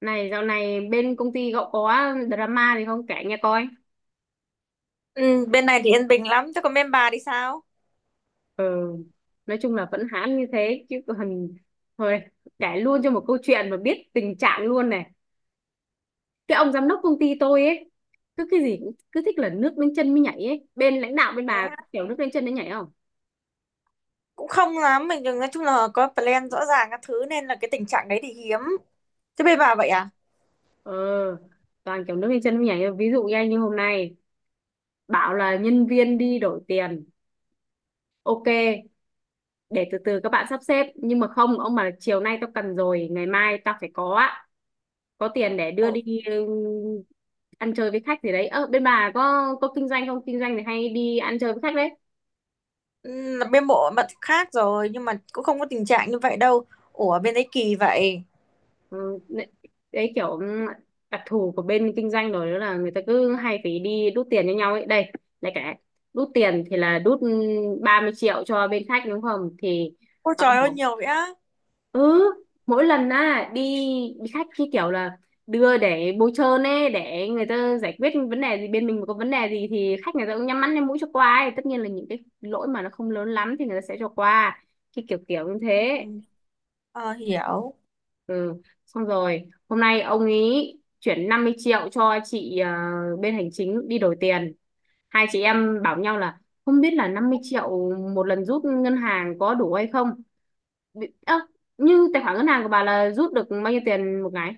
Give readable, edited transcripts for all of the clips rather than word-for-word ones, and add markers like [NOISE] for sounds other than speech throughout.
Này dạo này bên công ty cậu có drama gì không kể nghe coi. Ừ, bên này thì yên bình lắm, chứ còn bên bà thì sao? Ừ, nói chung là vẫn hãm như thế chứ còn thôi, kể luôn cho một câu chuyện mà biết tình trạng luôn này. Cái ông giám đốc công ty tôi ấy cứ cái gì cũng cứ thích là nước đến chân mới nhảy ấy. Bên lãnh đạo bên Thế bà á, kiểu nước đến chân mới nhảy không? cũng không lắm, mình đừng nói chung là có plan rõ ràng các thứ nên là cái tình trạng đấy thì hiếm. Thế bên bà vậy à? Ờ, Toàn kiểu nước lên chân mới nhảy. Ví dụ như anh như hôm nay bảo là nhân viên đi đổi tiền. Ok, để từ từ các bạn sắp xếp. Nhưng mà không, ông bảo là chiều nay tao cần rồi, ngày mai tao phải có tiền để đưa Ủa, đi ăn chơi với khách gì đấy. Ờ Bên bà có kinh doanh không, kinh doanh thì hay đi ăn chơi với khách đấy. ừ, là bên bộ mặt khác rồi nhưng mà cũng không có tình trạng như vậy đâu. Ủa bên đấy kỳ vậy. Ừ, Đấy, kiểu đặc thù của bên kinh doanh rồi, đó là người ta cứ hay phải đi đút tiền cho nhau ấy. Đây lại cả đút tiền, thì là đút 30 triệu cho bên khách đúng không. Thì Ôi ờ, trời ơi nhiều vậy á. ừ Mỗi lần á đi đi khách cái kiểu là đưa để bôi trơn ấy, để người ta giải quyết vấn đề. Gì bên mình mà có vấn đề gì thì khách người ta cũng nhắm mắt nhắm mũi cho qua ấy. Tất nhiên là những cái lỗi mà nó không lớn lắm thì người ta sẽ cho qua, cái kiểu kiểu như thế. Ừ. Ờ, hiểu. Ừ Xong rồi hôm nay ông ý chuyển 50 triệu cho chị bên hành chính đi đổi tiền. Hai chị em bảo nhau là không biết là 50 triệu một lần rút ngân hàng có đủ hay không. Bị- ơ, Như tài khoản ngân hàng của bà là rút được bao nhiêu tiền một ngày?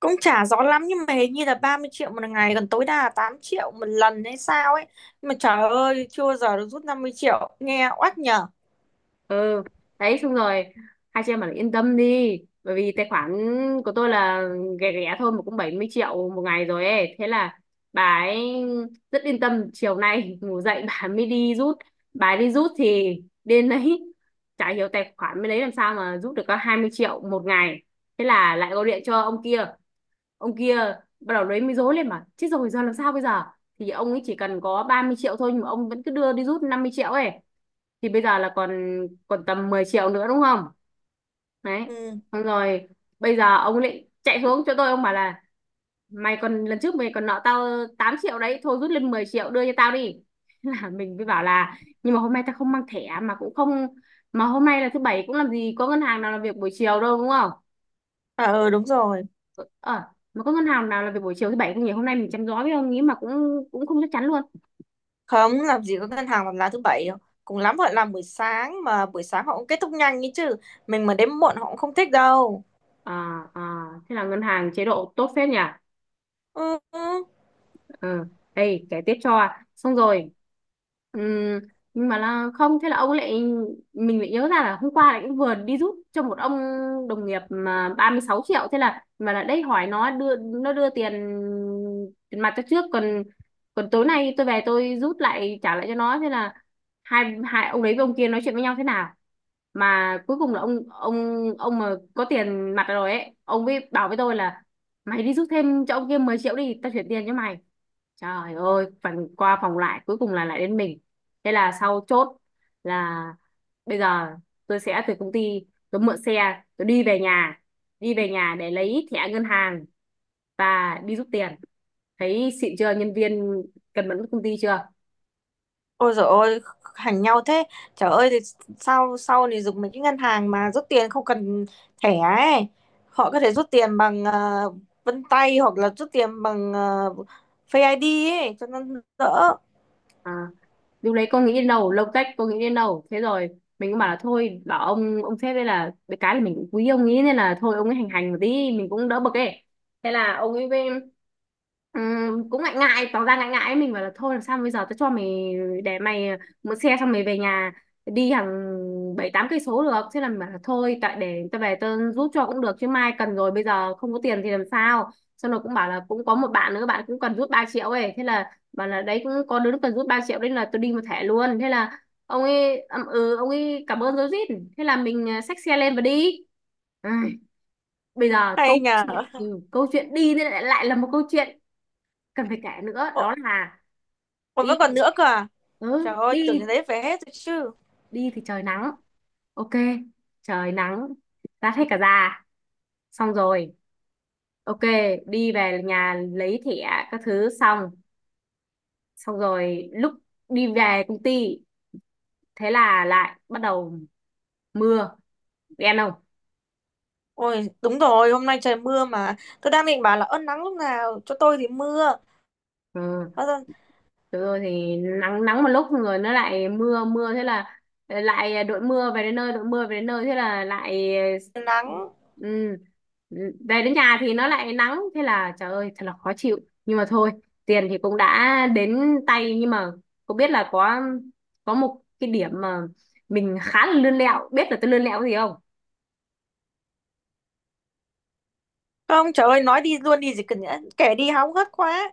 Cũng chả rõ lắm nhưng mà hình như là 30 triệu một ngày còn tối đa là 8 triệu một lần hay sao ấy. Nhưng mà trời ơi chưa bao giờ được rút 50 triệu nghe oách nhở. ừ Đấy, xong rồi hai chị em bảo là yên tâm đi, bởi vì tài khoản của tôi là ghẻ ghẻ thôi mà cũng 70 triệu một ngày rồi ấy. Thế là bà ấy rất yên tâm, chiều nay [LAUGHS] ngủ dậy bà mới đi rút. Bà ấy đi rút thì đến đấy [LAUGHS] chả hiểu tài khoản mới đấy làm sao mà rút được có 20 triệu một ngày. Thế là lại gọi điện cho ông kia, ông kia bắt đầu lấy mới rối lên, mà chết rồi giờ làm sao bây giờ. Thì ông ấy chỉ cần có 30 triệu thôi nhưng mà ông vẫn cứ đưa đi rút 50 triệu ấy. Thì bây giờ là còn còn tầm 10 triệu nữa đúng không. Đấy, Ừ. xong rồi bây giờ ông lại chạy xuống cho tôi, ông bảo là mày còn, lần trước mày còn nợ tao 8 triệu đấy thôi, rút lên 10 triệu đưa cho tao đi. [LAUGHS] Là mình mới bảo là nhưng mà hôm nay tao không mang thẻ, mà cũng không, mà hôm nay là thứ bảy cũng làm gì có ngân hàng nào làm việc buổi chiều đâu đúng không. À, ừ đúng rồi. ờ mà có ngân hàng nào làm việc buổi chiều thứ bảy không nhỉ? Hôm nay mình chăm gió với ông nghĩ mà cũng cũng không chắc chắn luôn. Không, làm gì có ngân hàng làm lá thứ bảy đâu. Cùng lắm họ làm buổi sáng mà buổi sáng họ cũng kết thúc nhanh ấy chứ. Mình mà đến muộn họ cũng không thích đâu. à, à Thế là ngân hàng chế độ tốt phết nhỉ. Ừ. Ừ. ờ Đây kể tiếp cho, xong rồi ừm, nhưng mà là không, thế là ông lại, mình lại nhớ ra là hôm qua lại cũng vừa đi giúp cho một ông đồng nghiệp mà 36 triệu. Thế là mà là đây hỏi nó, đưa nó, đưa tiền tiền mặt cho trước, còn còn tối nay tôi về tôi rút lại trả lại cho nó. Thế là hai hai ông đấy với ông kia nói chuyện với nhau thế nào mà cuối cùng là ông ông mà có tiền mặt rồi ấy ông ấy bảo với tôi là mày đi rút thêm cho ông kia 10 triệu đi, tao chuyển tiền cho mày. Trời ơi, phần qua phòng lại cuối cùng là lại đến mình. Thế là sau chốt là bây giờ tôi sẽ từ công ty tôi mượn xe, tôi đi về nhà để lấy thẻ ngân hàng và đi rút tiền. Thấy xịn chưa, nhân viên cần mẫn với công ty chưa? Ôi dồi ôi, hành nhau thế. Trời ơi, thì sau sau này dùng mấy cái ngân hàng mà rút tiền không cần thẻ ấy. Họ có thể rút tiền bằng vân tay hoặc là rút tiền bằng Face ID ấy, cho nó đỡ. À, lúc đấy con nghĩ đến đâu lông tách con nghĩ đến đâu. Thế rồi mình cũng bảo là thôi, bảo ông sếp đây là cái là mình cũng quý ông ấy nên là thôi, ông ấy hành hành một tí mình cũng đỡ bực ấy. Thế là ông ấy với- cũng ngại ngại, tỏ ra ngại ngại ấy. Mình bảo là thôi làm sao bây giờ, tao cho mày, để mày mượn xe xong mày về nhà đi hàng 7-8 cây số được. Thế là mình bảo là thôi tại để tao về tao giúp cho cũng được, chứ mai cần rồi bây giờ không có tiền thì làm sao. Xong rồi cũng bảo là cũng có một bạn nữa, bạn cũng cần rút 3 triệu ấy. Thế là bảo là đấy cũng có đứa nó cần rút 3 triệu nên là tôi đi một thẻ luôn. Thế là ông ấy ậm ừ, ông ấy cảm ơn rối rít. Thế là mình xách xe lên và đi. Ai, bây giờ Hay câu nhờ. chuyện câu chuyện đi thì lại lại là một câu chuyện cần phải kể nữa, Ồ, đó là ôi, đi, vẫn còn nữa cơ à? Trời ừ, ơi, tưởng cái đi đấy về hết rồi chứ. đi thì trời nắng, ok, trời nắng rát hết cả da. Xong rồi ok, đi về nhà lấy thẻ các thứ xong, xong rồi lúc đi về công ty thế là lại bắt đầu mưa đen không. Ôi, đúng rồi, hôm nay trời mưa mà. Tôi đang định bảo là ơn nắng lúc nào, cho tôi thì mưa. Ừ, Bao giờ được rồi thì nắng nắng một lúc rồi nó lại mưa mưa. Thế là lại đội mưa về đến nơi, đội mưa về đến nơi. Thế là lại nắng. ừ, về đến nhà thì nó lại nắng. Thế là trời ơi thật là khó chịu, nhưng mà thôi, tiền thì cũng đã đến tay. Nhưng mà cũng biết là có một cái điểm mà mình khá là lươn lẹo, biết là tôi lươn lẹo cái gì không? Không, trời ơi, nói đi luôn đi gì cần nhẽ kể đi hóng hớt quá.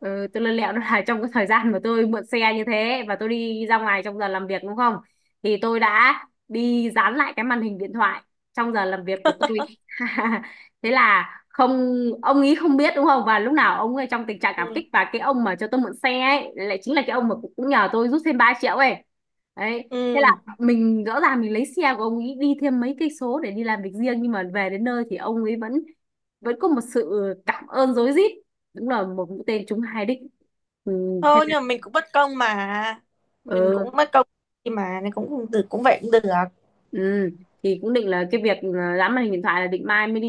Ừ, tôi lơ lẹo đó [LAUGHS] là trong cái thời gian mà tôi mượn xe như thế và tôi đi ra ngoài trong giờ làm việc đúng không? Thì tôi đã đi dán lại cái màn hình điện thoại trong giờ làm việc của tôi. [LAUGHS] Thế là không, ông ý không biết đúng không? Và lúc nào ông ấy trong tình trạng cảm Ừ. kích và cái ông mà cho tôi mượn xe ấy lại chính là cái ông mà cũng cũng nhờ tôi rút thêm 3 triệu ấy. Đấy, Ừ. thế là mình rõ ràng mình lấy xe của ông ấy đi thêm mấy cây số để đi làm việc riêng, nhưng mà về đến nơi thì ông ấy vẫn vẫn có một sự cảm ơn rối rít. Đúng là một mũi tên trúng hai đích. ừ, Thế Thôi là, nhưng mà mình cũng bất công mà. Mình cũng ừ, bất công đi mà, nên cũng cũng được cũng vậy cũng được. ừ. thì cũng định là cái việc là dán màn hình điện thoại là định mai mới đi,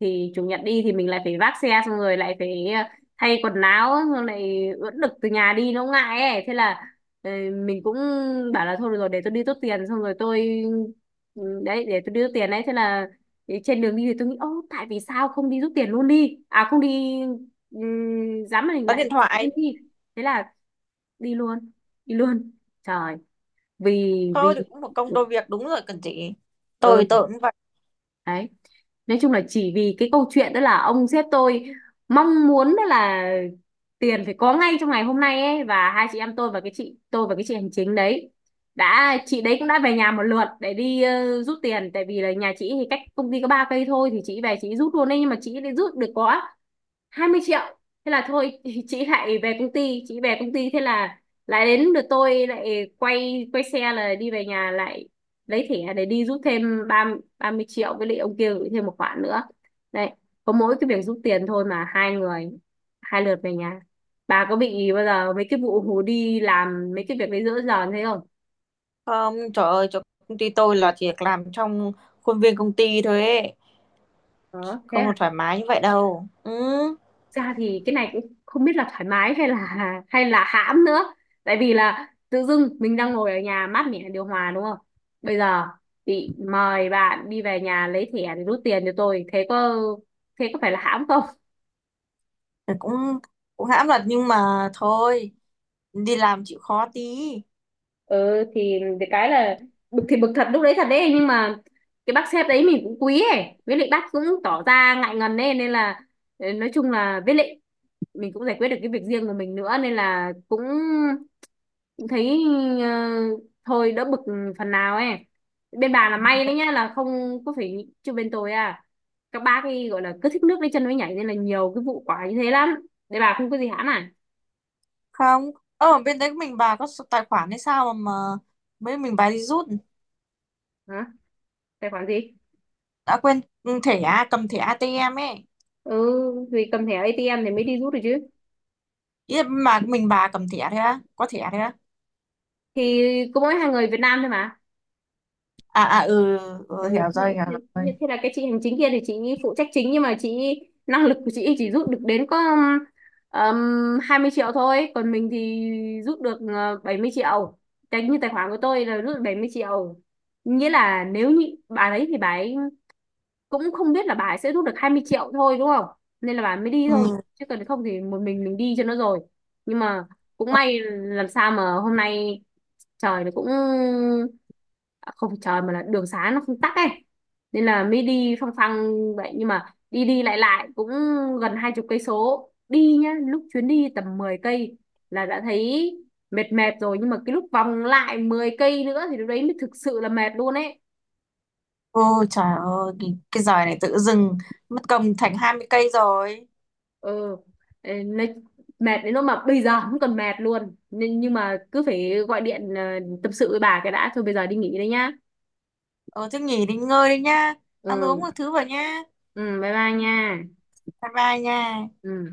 thì chủ nhật đi thì mình lại phải vác xe, xong rồi lại phải thay quần áo, xong lại ướt đực từ nhà đi nó ngại ấy. Thế là ờ, mình cũng bảo là thôi được rồi, để tôi đi tốt tiền xong rồi tôi đấy, để tôi đi rút tiền đấy. Thế là thì trên đường đi thì tôi nghĩ ô tại vì sao không đi rút tiền luôn đi, à không đi dán màn hình Tắt lại điện thoại. luôn đi. Thế là đi luôn, đi luôn trời, vì Thôi vì thì cũng một công đôi việc đúng rồi cần chị. Tôi ừ cũng vậy. đấy, nói chung là chỉ vì cái câu chuyện đó là ông sếp tôi mong muốn đó là tiền phải có ngay trong ngày hôm nay ấy. Và hai chị em tôi và cái chị tôi và cái chị hành chính đấy, đã chị đấy cũng đã về nhà một lượt để đi rút tiền, tại vì là nhà chị thì cách công ty có 3 cây thôi thì chị về chị rút luôn đấy. Nhưng mà chị lại rút được có 20 triệu. Thế là thôi [LAUGHS] chị lại về công ty, chị về công ty. Thế là lại đến lượt tôi lại quay quay xe là đi về nhà lại lấy thẻ để đi rút thêm 30 triệu với lại ông kia gửi thêm một khoản nữa. Đấy, có mỗi cái việc rút tiền thôi mà hai người hai lượt về nhà. Bà có bị bao giờ mấy cái vụ hù đi làm mấy cái việc đấy giữa giờ thế không? Không, trời ơi, chỗ công ty tôi là chỉ làm trong khuôn viên công ty thôi ấy. Có thế Không hả? thoải mái như vậy đâu. Ừ. Ra thì cái này cũng không biết là thoải mái hay là hãm nữa, tại vì là tự dưng mình đang ngồi ở nhà mát mẻ điều hòa đúng không, bây giờ bị mời bạn đi về nhà lấy thẻ để rút tiền cho tôi, thế có, thế có phải là hãm không. Ừ, cũng cũng hãm thật nhưng mà thôi đi làm chịu khó tí Ừ thì cái là bực thì bực thật lúc đấy thật đấy nhưng mà cái bác sếp đấy mình cũng quý ấy, với lại bác cũng tỏ ra ngại ngần ấy, nên là nói chung là với lại mình cũng giải quyết được cái việc riêng của mình nữa, nên là cũng thấy ờ, thôi đỡ bực phần nào ấy. Bên bà là may đấy nhá, là không có phải chứ bên tôi à, các bác ấy gọi là cứ thích nước lấy chân mới nhảy nên là nhiều cái vụ quả như thế lắm. Để bà không có gì hãm à? không ở bên đấy mình bà có số tài khoản hay sao mà mấy mình bà đi rút Hả, tài khoản gì? đã quên thẻ à, cầm thẻ ATM ấy ừ Vì cầm thẻ ATM thì mới đi rút được chứ. ý là mà mình bà cầm thẻ thế á có thẻ thế á Thì có mỗi hai người Việt Nam thôi mà. à à ừ Ờ, thế, hiểu thế, rồi thế là cái chị hành chính kia thì chị phụ trách chính nhưng mà chị, năng lực của chị chỉ rút được đến có 20 triệu thôi. Còn mình thì rút được 70 triệu, tài như tài khoản của tôi là rút được 70 triệu. Nghĩa là nếu như bà đấy thì bà ấy cũng không biết là bà ấy sẽ rút được 20 triệu thôi đúng không, nên là bà ấy mới đi thôi. ừ. Chứ còn không thì một mình đi cho nó rồi. Nhưng mà cũng may làm sao mà hôm nay trời nó cũng à, không phải trời mà là đường xá nó không tắc ấy, nên là mới đi phăng phăng vậy. Nhưng mà đi đi lại lại cũng gần 20 cây số đi nhá. Lúc chuyến đi tầm 10 cây là đã thấy mệt mệt rồi, nhưng mà cái lúc vòng lại 10 cây nữa thì lúc đấy mới thực sự là mệt luôn ấy. Ôi trời ơi cái giời này tự dưng mất công thành 20 cây rồi ừ nói- mệt đến lúc mà bây giờ không còn mệt luôn, nhưng mà cứ phải gọi điện tâm sự với bà cái đã. Thôi bây giờ đi nghỉ đây nhá. ờ thế nghỉ đi ngơi đi nhá ăn uống Ừ. một thứ vào nhá Ừ, bye bye nha. bye bye nha Ừ.